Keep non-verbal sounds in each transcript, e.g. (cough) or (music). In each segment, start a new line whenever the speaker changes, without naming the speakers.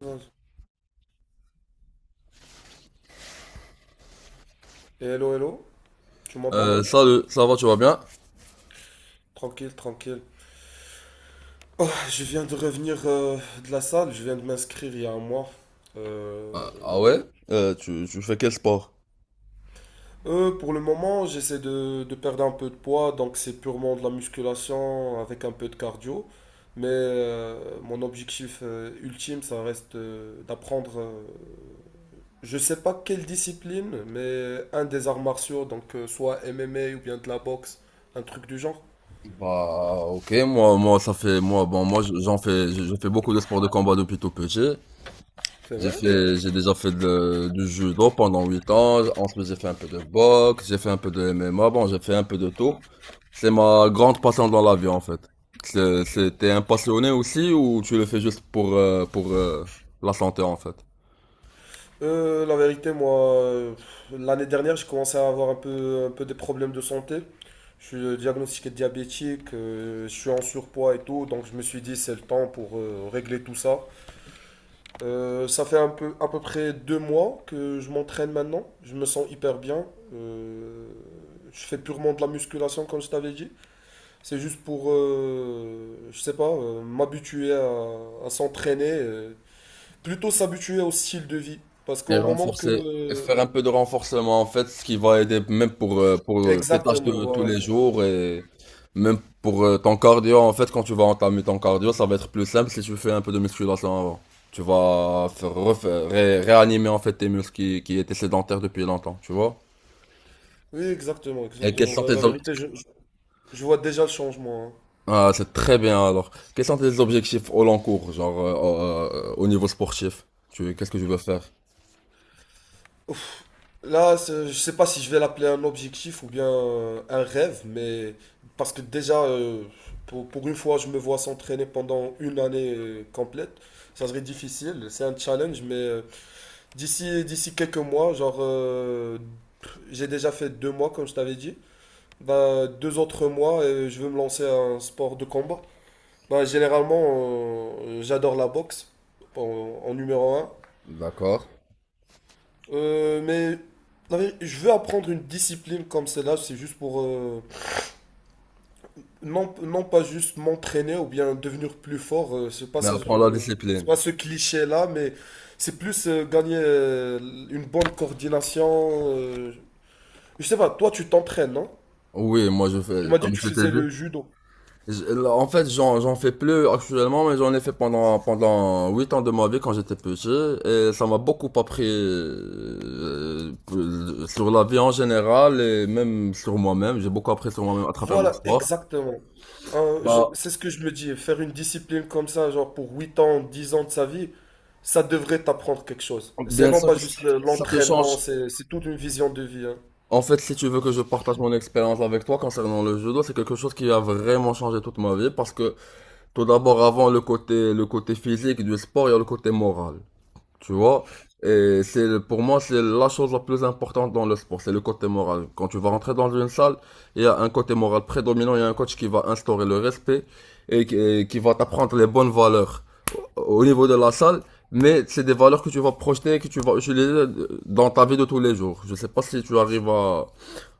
Hello, hello, tu m'entends?
Salut, ça va, tu vas bien?
Tranquille, tranquille. Oh, je viens de revenir de la salle, je viens de m'inscrire il y a un mois. Euh,
Ah ouais? Tu fais quel sport?
pour le moment, j'essaie de perdre un peu de poids, donc c'est purement de la musculation avec un peu de cardio. Mais mon objectif ultime, ça reste d'apprendre, je sais pas quelle discipline, mais un des arts martiaux, donc soit MMA ou bien de la boxe, un truc du genre.
Bah, ok, moi, bon, j'en fais, je fais beaucoup de sports de combat depuis tout petit.
C'est vrai?
J'ai déjà fait du judo pendant 8 ans. Ensuite, j'ai fait un peu de boxe, j'ai fait un peu de MMA. Bon, j'ai fait un peu de tout. C'est ma grande passion dans la vie, en fait. T'es un passionné aussi ou tu le fais juste pour, la santé, en fait?
La vérité, moi, l'année dernière, j'ai commencé à avoir un peu des problèmes de santé. Je suis diagnostiqué diabétique, je suis en surpoids et tout, donc je me suis dit c'est le temps pour régler tout ça. Ça fait un peu, à peu près 2 mois que je m'entraîne maintenant, je me sens hyper bien. Euh, je fais purement de la musculation comme je t'avais dit. C'est juste pour, je sais pas, m'habituer à s'entraîner, plutôt s'habituer au style de vie. Parce
Et
qu'au moment
renforcer, et
que,
faire un peu de renforcement en fait, ce qui va aider même pour, tes tâches
exactement,
de tous
voilà.
les jours et même pour ton cardio en fait, quand tu vas entamer ton cardio, ça va être plus simple si tu fais un peu de musculation avant. Tu vas réanimer en fait tes muscles qui étaient sédentaires depuis longtemps, tu vois.
Oui, exactement,
Et quels
exactement.
sont
Voilà,
tes
la
ob-
vérité, je vois déjà le changement, hein.
Ah, c'est très bien alors. Quels sont tes objectifs au long cours, genre, au niveau sportif? Qu'est-ce que tu veux faire?
Là, je sais pas si je vais l'appeler un objectif ou bien un rêve, mais parce que déjà, pour une fois, je me vois s'entraîner pendant une année complète. Ça serait difficile, c'est un challenge, mais d'ici quelques mois, genre, j'ai déjà fait 2 mois, comme je t'avais dit. Bah, 2 autres mois, et je veux me lancer à un sport de combat. Bah, généralement, j'adore la boxe en, en numéro 1.
D'accord.
Mais je veux apprendre une discipline comme celle-là, c'est juste pour non, non pas juste m'entraîner ou bien devenir plus fort, c'est pas,
Mais
ça
apprends la
c'est
discipline.
pas ce cliché-là, mais c'est plus gagner une bonne coordination. Je sais pas, toi tu t'entraînes, non?
Oui, moi je
Tu
fais,
m'as dit
comme
que tu
je t'ai
faisais
dit.
le judo.
En fait, j'en fais plus actuellement, mais j'en ai fait pendant 8 ans de ma vie quand j'étais petit, et ça m'a beaucoup appris sur la vie en général et même sur moi-même. J'ai beaucoup appris sur moi-même à travers mon
Voilà,
sport.
exactement. Euh, je-
Bah,
c'est ce que je me dis, faire une discipline comme ça, genre pour 8 ans, 10 ans de sa vie, ça devrait t'apprendre quelque chose. C'est
bien
non
sûr
pas
que
juste
ça te change.
l'entraînement, c'est toute une vision de vie, hein.
En fait, si tu veux que je partage mon expérience avec toi concernant le judo, c'est quelque chose qui a vraiment changé toute ma vie parce que tout d'abord, avant le côté physique du sport, il y a le côté moral. Tu vois, et pour moi c'est la chose la plus importante dans le sport, c'est le côté moral. Quand tu vas rentrer dans une salle, il y a un côté moral prédominant, il y a un coach qui va instaurer le respect et qui va t'apprendre les bonnes valeurs au niveau de la salle, mais c'est des valeurs que tu vas projeter, et que tu vas utiliser dans ta vie de tous les jours. Je sais pas si tu arrives à,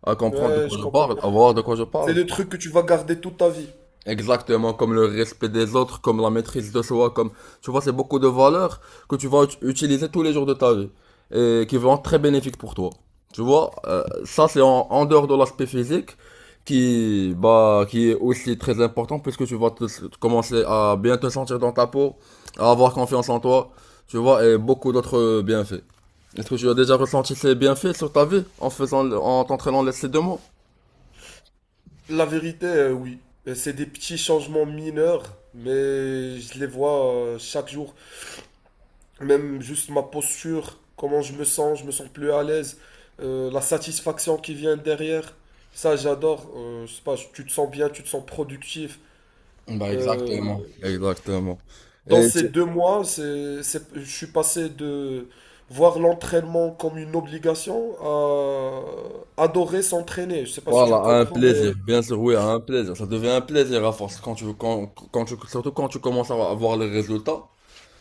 à comprendre de
Ouais,
quoi
je
je
comprends.
parle, à voir de quoi je
C'est
parle.
des trucs que tu vas garder toute ta vie.
Exactement, comme le respect des autres, comme la maîtrise de soi, comme, tu vois, c'est beaucoup de valeurs que tu vas utiliser tous les jours de ta vie et qui vont être très bénéfiques pour toi. Tu vois, ça c'est en dehors de l'aspect physique qui est aussi très important puisque tu vas commencer à bien te sentir dans ta peau, à avoir confiance en toi, tu vois, et beaucoup d'autres bienfaits. Est-ce que tu as déjà ressenti ces bienfaits sur ta vie en t'entraînant les ces deux mots?
La vérité, oui. C'est des petits changements mineurs, mais je les vois chaque jour. Même juste ma posture, comment je me sens plus à l'aise, la satisfaction qui vient derrière, ça j'adore. Je sais pas, tu te sens bien, tu te sens productif.
Bah
Euh,
exactement. Exactement.
dans
Et
ces 2 mois, je suis passé de voir l'entraînement comme une obligation à adorer s'entraîner. Je sais pas si tu
Voilà,
me
à un
comprends,
plaisir,
mais
bien sûr, oui, à un plaisir. Ça devient un plaisir à force quand tu, quand, quand tu, surtout quand tu commences à avoir les résultats,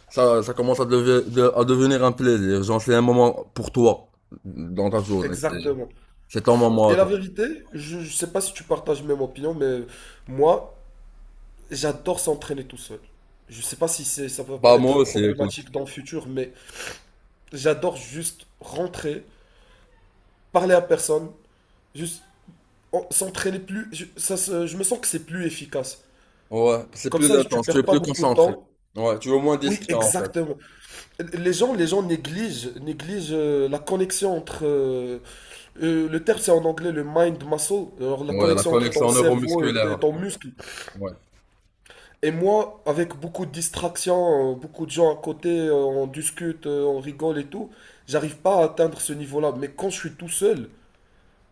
ça commence à devenir un plaisir. Genre, c'est un moment pour toi dans ta journée. C'est,
exactement.
c'est ton moment à
Et la
toi.
vérité, je sais pas si tu partages même opinion, mais moi, j'adore s'entraîner tout seul. Je sais pas si ça va
Bah, moi
être
aussi, écoute.
problématique dans le futur, mais j'adore juste rentrer, parler à personne, juste s'entraîner plus. Je me sens que c'est plus efficace.
Ouais, c'est
Comme
plus
ça, tu
intense, tu es
perds pas
plus
beaucoup de
concentré.
temps.
Ouais, tu es moins
Oui,
distrait en fait.
exactement. Les gens négligent la connexion entre. Le terme, c'est en anglais le mind muscle, alors la
Ouais, la
connexion entre ton
connexion
cerveau et
neuromusculaire.
ton muscle.
Ouais.
Et moi, avec beaucoup de distractions, beaucoup de gens à côté, on discute, on rigole et tout, j'arrive pas à atteindre ce niveau-là. Mais quand je suis tout seul,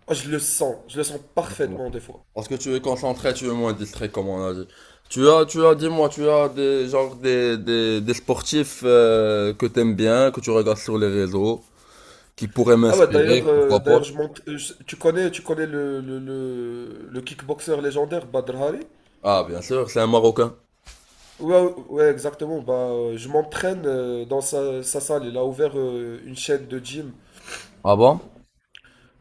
ah, je le sens parfaitement des fois.
Parce que tu es concentré, tu es moins distrait, comme on a dit. Tu as, dis-moi, tu as des, genre, des sportifs que t'aimes bien, que tu regardes sur les réseaux, qui pourraient
Ah bah d'ailleurs,
m'inspirer, pourquoi pas?
d'ailleurs je monte, tu connais le kickboxer légendaire Badr Hari?
Ah, bien sûr, c'est un Marocain.
Ouais, ouais, exactement. Bah, je m'entraîne dans sa salle. Il a ouvert une chaîne de gym.
Ah bon?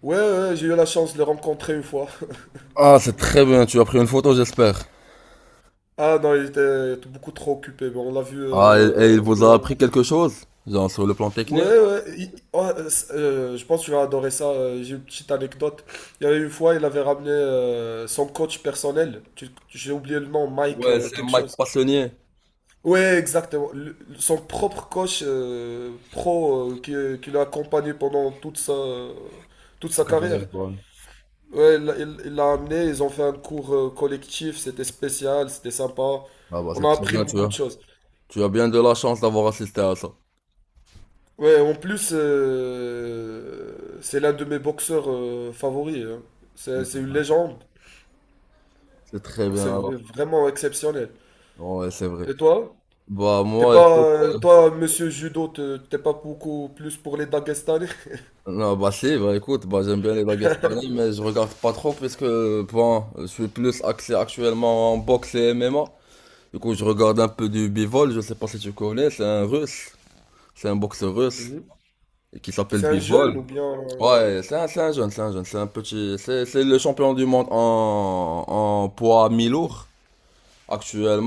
Ouais, ouais, j'ai eu la chance de le rencontrer une fois. (laughs)
Ah, c'est très bien, tu as pris une photo, j'espère.
Ah non, il était beaucoup trop occupé, mais on l'a vu
Ah, et il vous
de
a
loin.
appris quelque chose, genre sur le plan
Ouais,
technique?
ouais, oh, je pense que tu vas adorer ça. J'ai une petite anecdote. Il y avait une fois, il avait ramené son coach personnel. J'ai oublié le nom, Mike
Ouais, c'est
quelque
Mike
chose.
Passonnier.
Ouais, exactement. Son propre coach pro qui l'a accompagné pendant toute toute
C'est
sa
quand même,
carrière.
ouais.
Ouais, il l'a amené, ils ont fait un cours collectif, c'était spécial, c'était sympa.
Ah bah,
On
c'est
a
très
appris
bien, tu
beaucoup
as.
de choses.
Tu as bien de la chance d'avoir assisté à ça.
Ouais, en plus, c'est l'un de mes boxeurs favoris, hein. C'est une légende.
C'est très bien,
C'est v-
alors.
vraiment exceptionnel.
Ouais, c'est vrai.
Et toi?
Bah,
T'es
moi,
pas,
écoute.
toi, monsieur judo, t'es pas beaucoup plus pour les Dagestanais?
Non, bah si, bah écoute, bah j'aime bien les baguettes pareilles, mais je regarde pas trop puisque, bon, je suis plus axé actuellement en boxe et MMA. Du coup, je regarde un peu du Bivol, je sais pas si tu connais, c'est un boxeur russe
Mhm.
et qui s'appelle
C'est un
Bivol.
jeune ou bien...
Ouais, c'est un petit, c'est le champion du monde en poids mi-lourd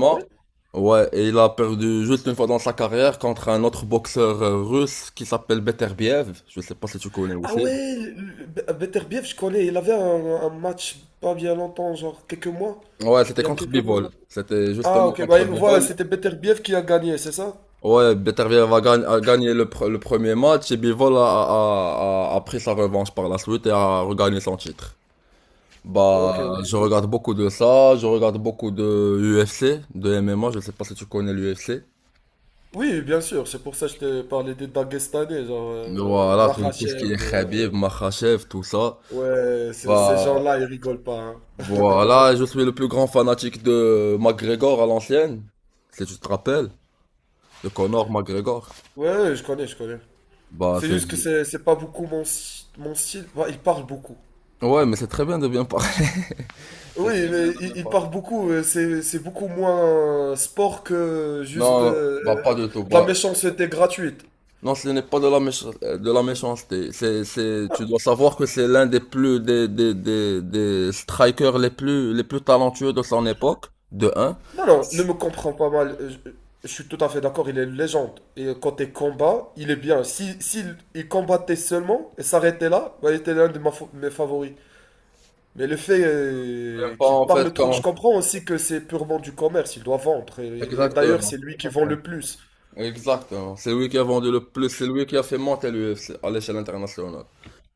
Ah ouais?
Ouais, et il a perdu juste une fois dans sa carrière contre un autre boxeur russe qui s'appelle Beterbiev, je sais pas si tu connais
Ah
aussi.
ouais, Beterbiev, je connais. Il avait un match pas bien longtemps, genre quelques mois.
Ouais, c'était
Il y a
contre
quelques mois.
Bivol. C'était
Ah,
justement
ok, bah,
contre
voilà,
Bivol.
c'était Beterbiev qui a gagné, c'est ça?
Ouais, Beterbiev a gagné le premier match et Bivol a pris sa revanche par la suite et a regagné son titre.
Ok,
Bah,
ok.
je regarde beaucoup de ça, je regarde beaucoup de UFC, de MMA, je sais pas si tu connais l'UFC.
Oui, bien sûr, c'est pour ça que je t'ai parlé des Dagestanais, genre
Voilà, tout ce qui
Makhachev,
est Khabib, Makhachev, tout ça.
ouais, ces
Bah,
gens-là, ils rigolent pas, hein.
voilà, je suis le plus grand fanatique de McGregor à l'ancienne, si tu te rappelles, de Conor McGregor.
Ouais, ouais, je connais, je connais.
Bah,
C'est
c'est
juste que c'est pas beaucoup mon style. Bah, ils parlent beaucoup.
Ouais, mais c'est très bien de bien parler. (laughs)
Oui, mais ils parlent beaucoup, c'est beaucoup moins sport que juste
Non, bah pas du tout.
de la
Bah,
méchanceté gratuite.
non, ce n'est pas de la de la méchanceté. C'est, tu dois savoir que c'est l'un des plus des strikers les plus talentueux de son époque, de un.
Non, non, ne me comprends pas mal. Je suis tout à fait d'accord, il est une légende. Et côté combat, il est bien. Si, s'il- il combattait seulement et s'arrêtait là, bah, il était l'un de mes favoris. Mais le fait
J'aime pas
qu'il
en fait
parle trop, je
quand.
comprends aussi que c'est purement du commerce, il doit vendre. Et d'ailleurs,
Exactement.
c'est lui qui vend
Exactement.
le plus.
Exactement. C'est lui qui a vendu le plus, c'est lui qui a fait monter l'UFC à l'échelle internationale.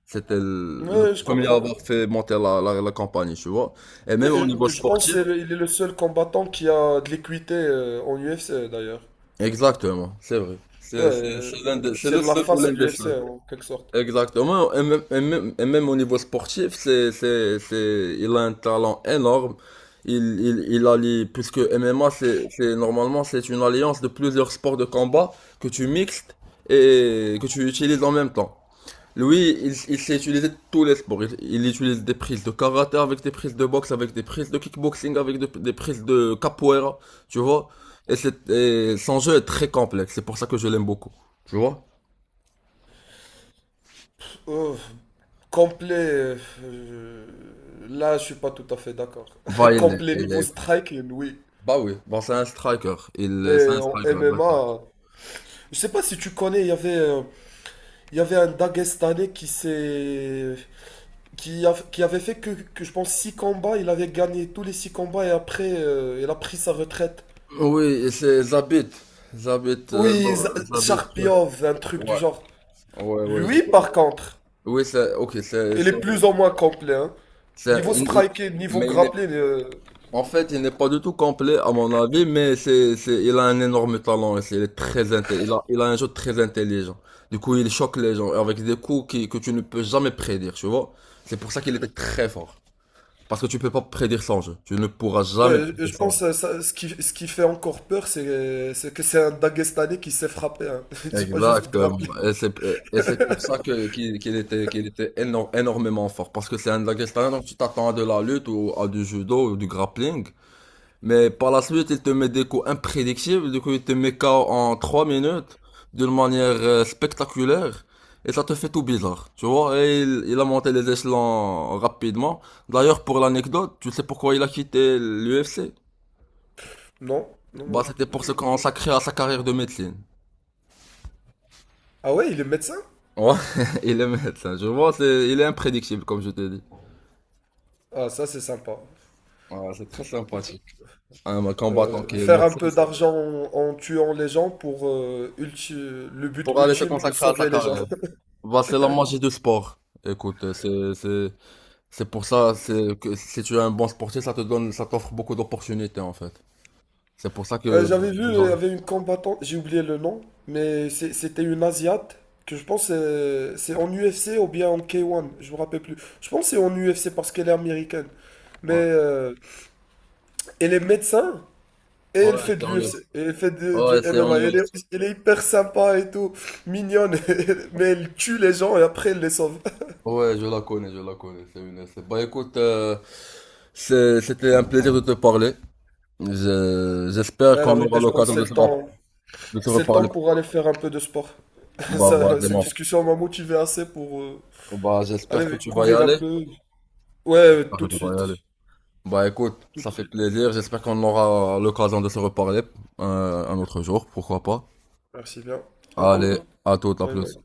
C'était le
Ouais, je
premier à
comprends.
avoir fait monter la compagnie, tu vois. Et même
Mais,
au niveau
je pense qu'il
sportif.
est le seul combattant qui a de l'équité en UFC, d'ailleurs.
Exactement, c'est vrai.
Ouais,
C'est c'est- c'est l'un des- c'est
c'est
le
la
seul ou
face
l'un
de
des
l'UFC,
seuls.
en quelque sorte.
Exactement. Et même, au niveau sportif, il a un talent énorme. Il allie, puisque MMA, normalement, c'est une alliance de plusieurs sports de combat que tu mixtes et que tu utilises en même temps. Lui, il sait utiliser tous les sports. Il utilise des prises de karaté avec des prises de boxe, avec des prises de kickboxing, avec des prises de capoeira, tu vois. Et son jeu est très complexe, c'est pour ça que je l'aime beaucoup, tu vois.
Euh, Complet, euh, là je suis pas tout à fait d'accord.
Bah,
(laughs) Complet niveau striking, oui.
bah oui, bon, c'est un striker. C'est
Mais
un
en
striker, exactement.
MMA, je sais pas si tu connais, il y avait un Dagestanais qui s'est, qui, a- qui avait fait que je pense 6 combats, il avait gagné tous les 6 combats et après il a pris sa retraite.
Oui, et c'est Zabit. Zabit,
Oui,
bon, Zabit, truc.
Sharpiov, un truc du
Ouais,
genre.
ouais, ouais, je
Lui
connais.
par contre,
Oui, c'est, ok,
il est plus ou moins complet, hein.
c'est-
Niveau
il- il-
striking, niveau
mais il est.
grappling.
En fait, il n'est pas du tout complet à mon avis, mais il a un énorme talent et il est très intelligent. Il a un jeu très intelligent. Du coup, il choque les gens avec des coups que tu ne peux jamais prédire, tu vois. C'est pour ça qu'il était très fort. Parce que tu peux pas prédire son jeu. Tu ne pourras jamais.
Ouais, je
prédire.
pense ça, ce qui fait encore peur, c'est que c'est un Daguestanais qui s'est frappé, hein. (laughs) C'est pas juste
Exactement.
grappler.
Et c'est pour ça que, qu'il, qu'il était éno- énormément fort. Parce que c'est un Dagestanais, donc tu t'attends à de la lutte ou à du judo ou du grappling. Mais par la suite, il te met des coups imprédictibles, du coup il te met KO en 3 minutes, d'une manière spectaculaire, et ça te fait tout bizarre, tu vois, et il a monté les échelons rapidement. D'ailleurs, pour l'anecdote, tu sais pourquoi il a quitté l'UFC?
Non, non,
Bah,
non.
c'était pour se consacrer à sa carrière de médecine.
Ah ouais, il est médecin?
Ouais, (laughs) il est médecin, je vois, il est imprédictible, comme je t'ai dit.
Ah, ça, c'est sympa.
Ouais, c'est très sympathique. Un combattant
Euh,
qui est
faire un
médecin,
peu d'argent en tuant les gens pour le but
pour aller se
ultime de
consacrer à sa
sauver les gens.
carrière.
(laughs)
Bah, c'est la magie du sport. Écoute. C'est que si tu es un bon sportif, ça t'offre beaucoup d'opportunités en fait. C'est pour ça
Euh,
que
j'avais vu, il y
dans-
avait une combattante, j'ai oublié le nom, mais c'était une Asiate que je pense c'est en UFC ou bien en K1, je me rappelle plus. Je pense que c'est en UFC parce qu'elle est américaine. Mais
Ouais,
elle est médecin. Et elle
ouais,
fait de
c'est en Europe.
l'UFC, et elle fait du
Ouais, c'est en
MMA,
Europe.
elle est hyper sympa et tout, mignonne, (laughs) mais elle tue les gens et après elle les sauve.
Ouais, je la connais, je la connais. C'est une essai. Bah écoute, c'était un plaisir de te parler. J'espère
Ouais,
qu'on
la
aura
vérité, je pense que
l'occasion de se, rap- de se
c'est le temps
reparler.
pour aller faire un peu de sport. (laughs)
Bah
Ça,
vas-y,
cette
mon frère.
discussion m'a motivé assez pour
Bah j'espère que
aller
tu vas y
courir un
aller.
peu. Ouais,
J'espère que
tout de
tu vas
suite,
y aller. Bah écoute,
tout
ça
de
fait
suite.
plaisir. J'espère qu'on aura l'occasion de se reparler un autre jour, pourquoi pas.
Merci bien. À
Allez,
toutes.
à toute, à
Bye
plus.
bye.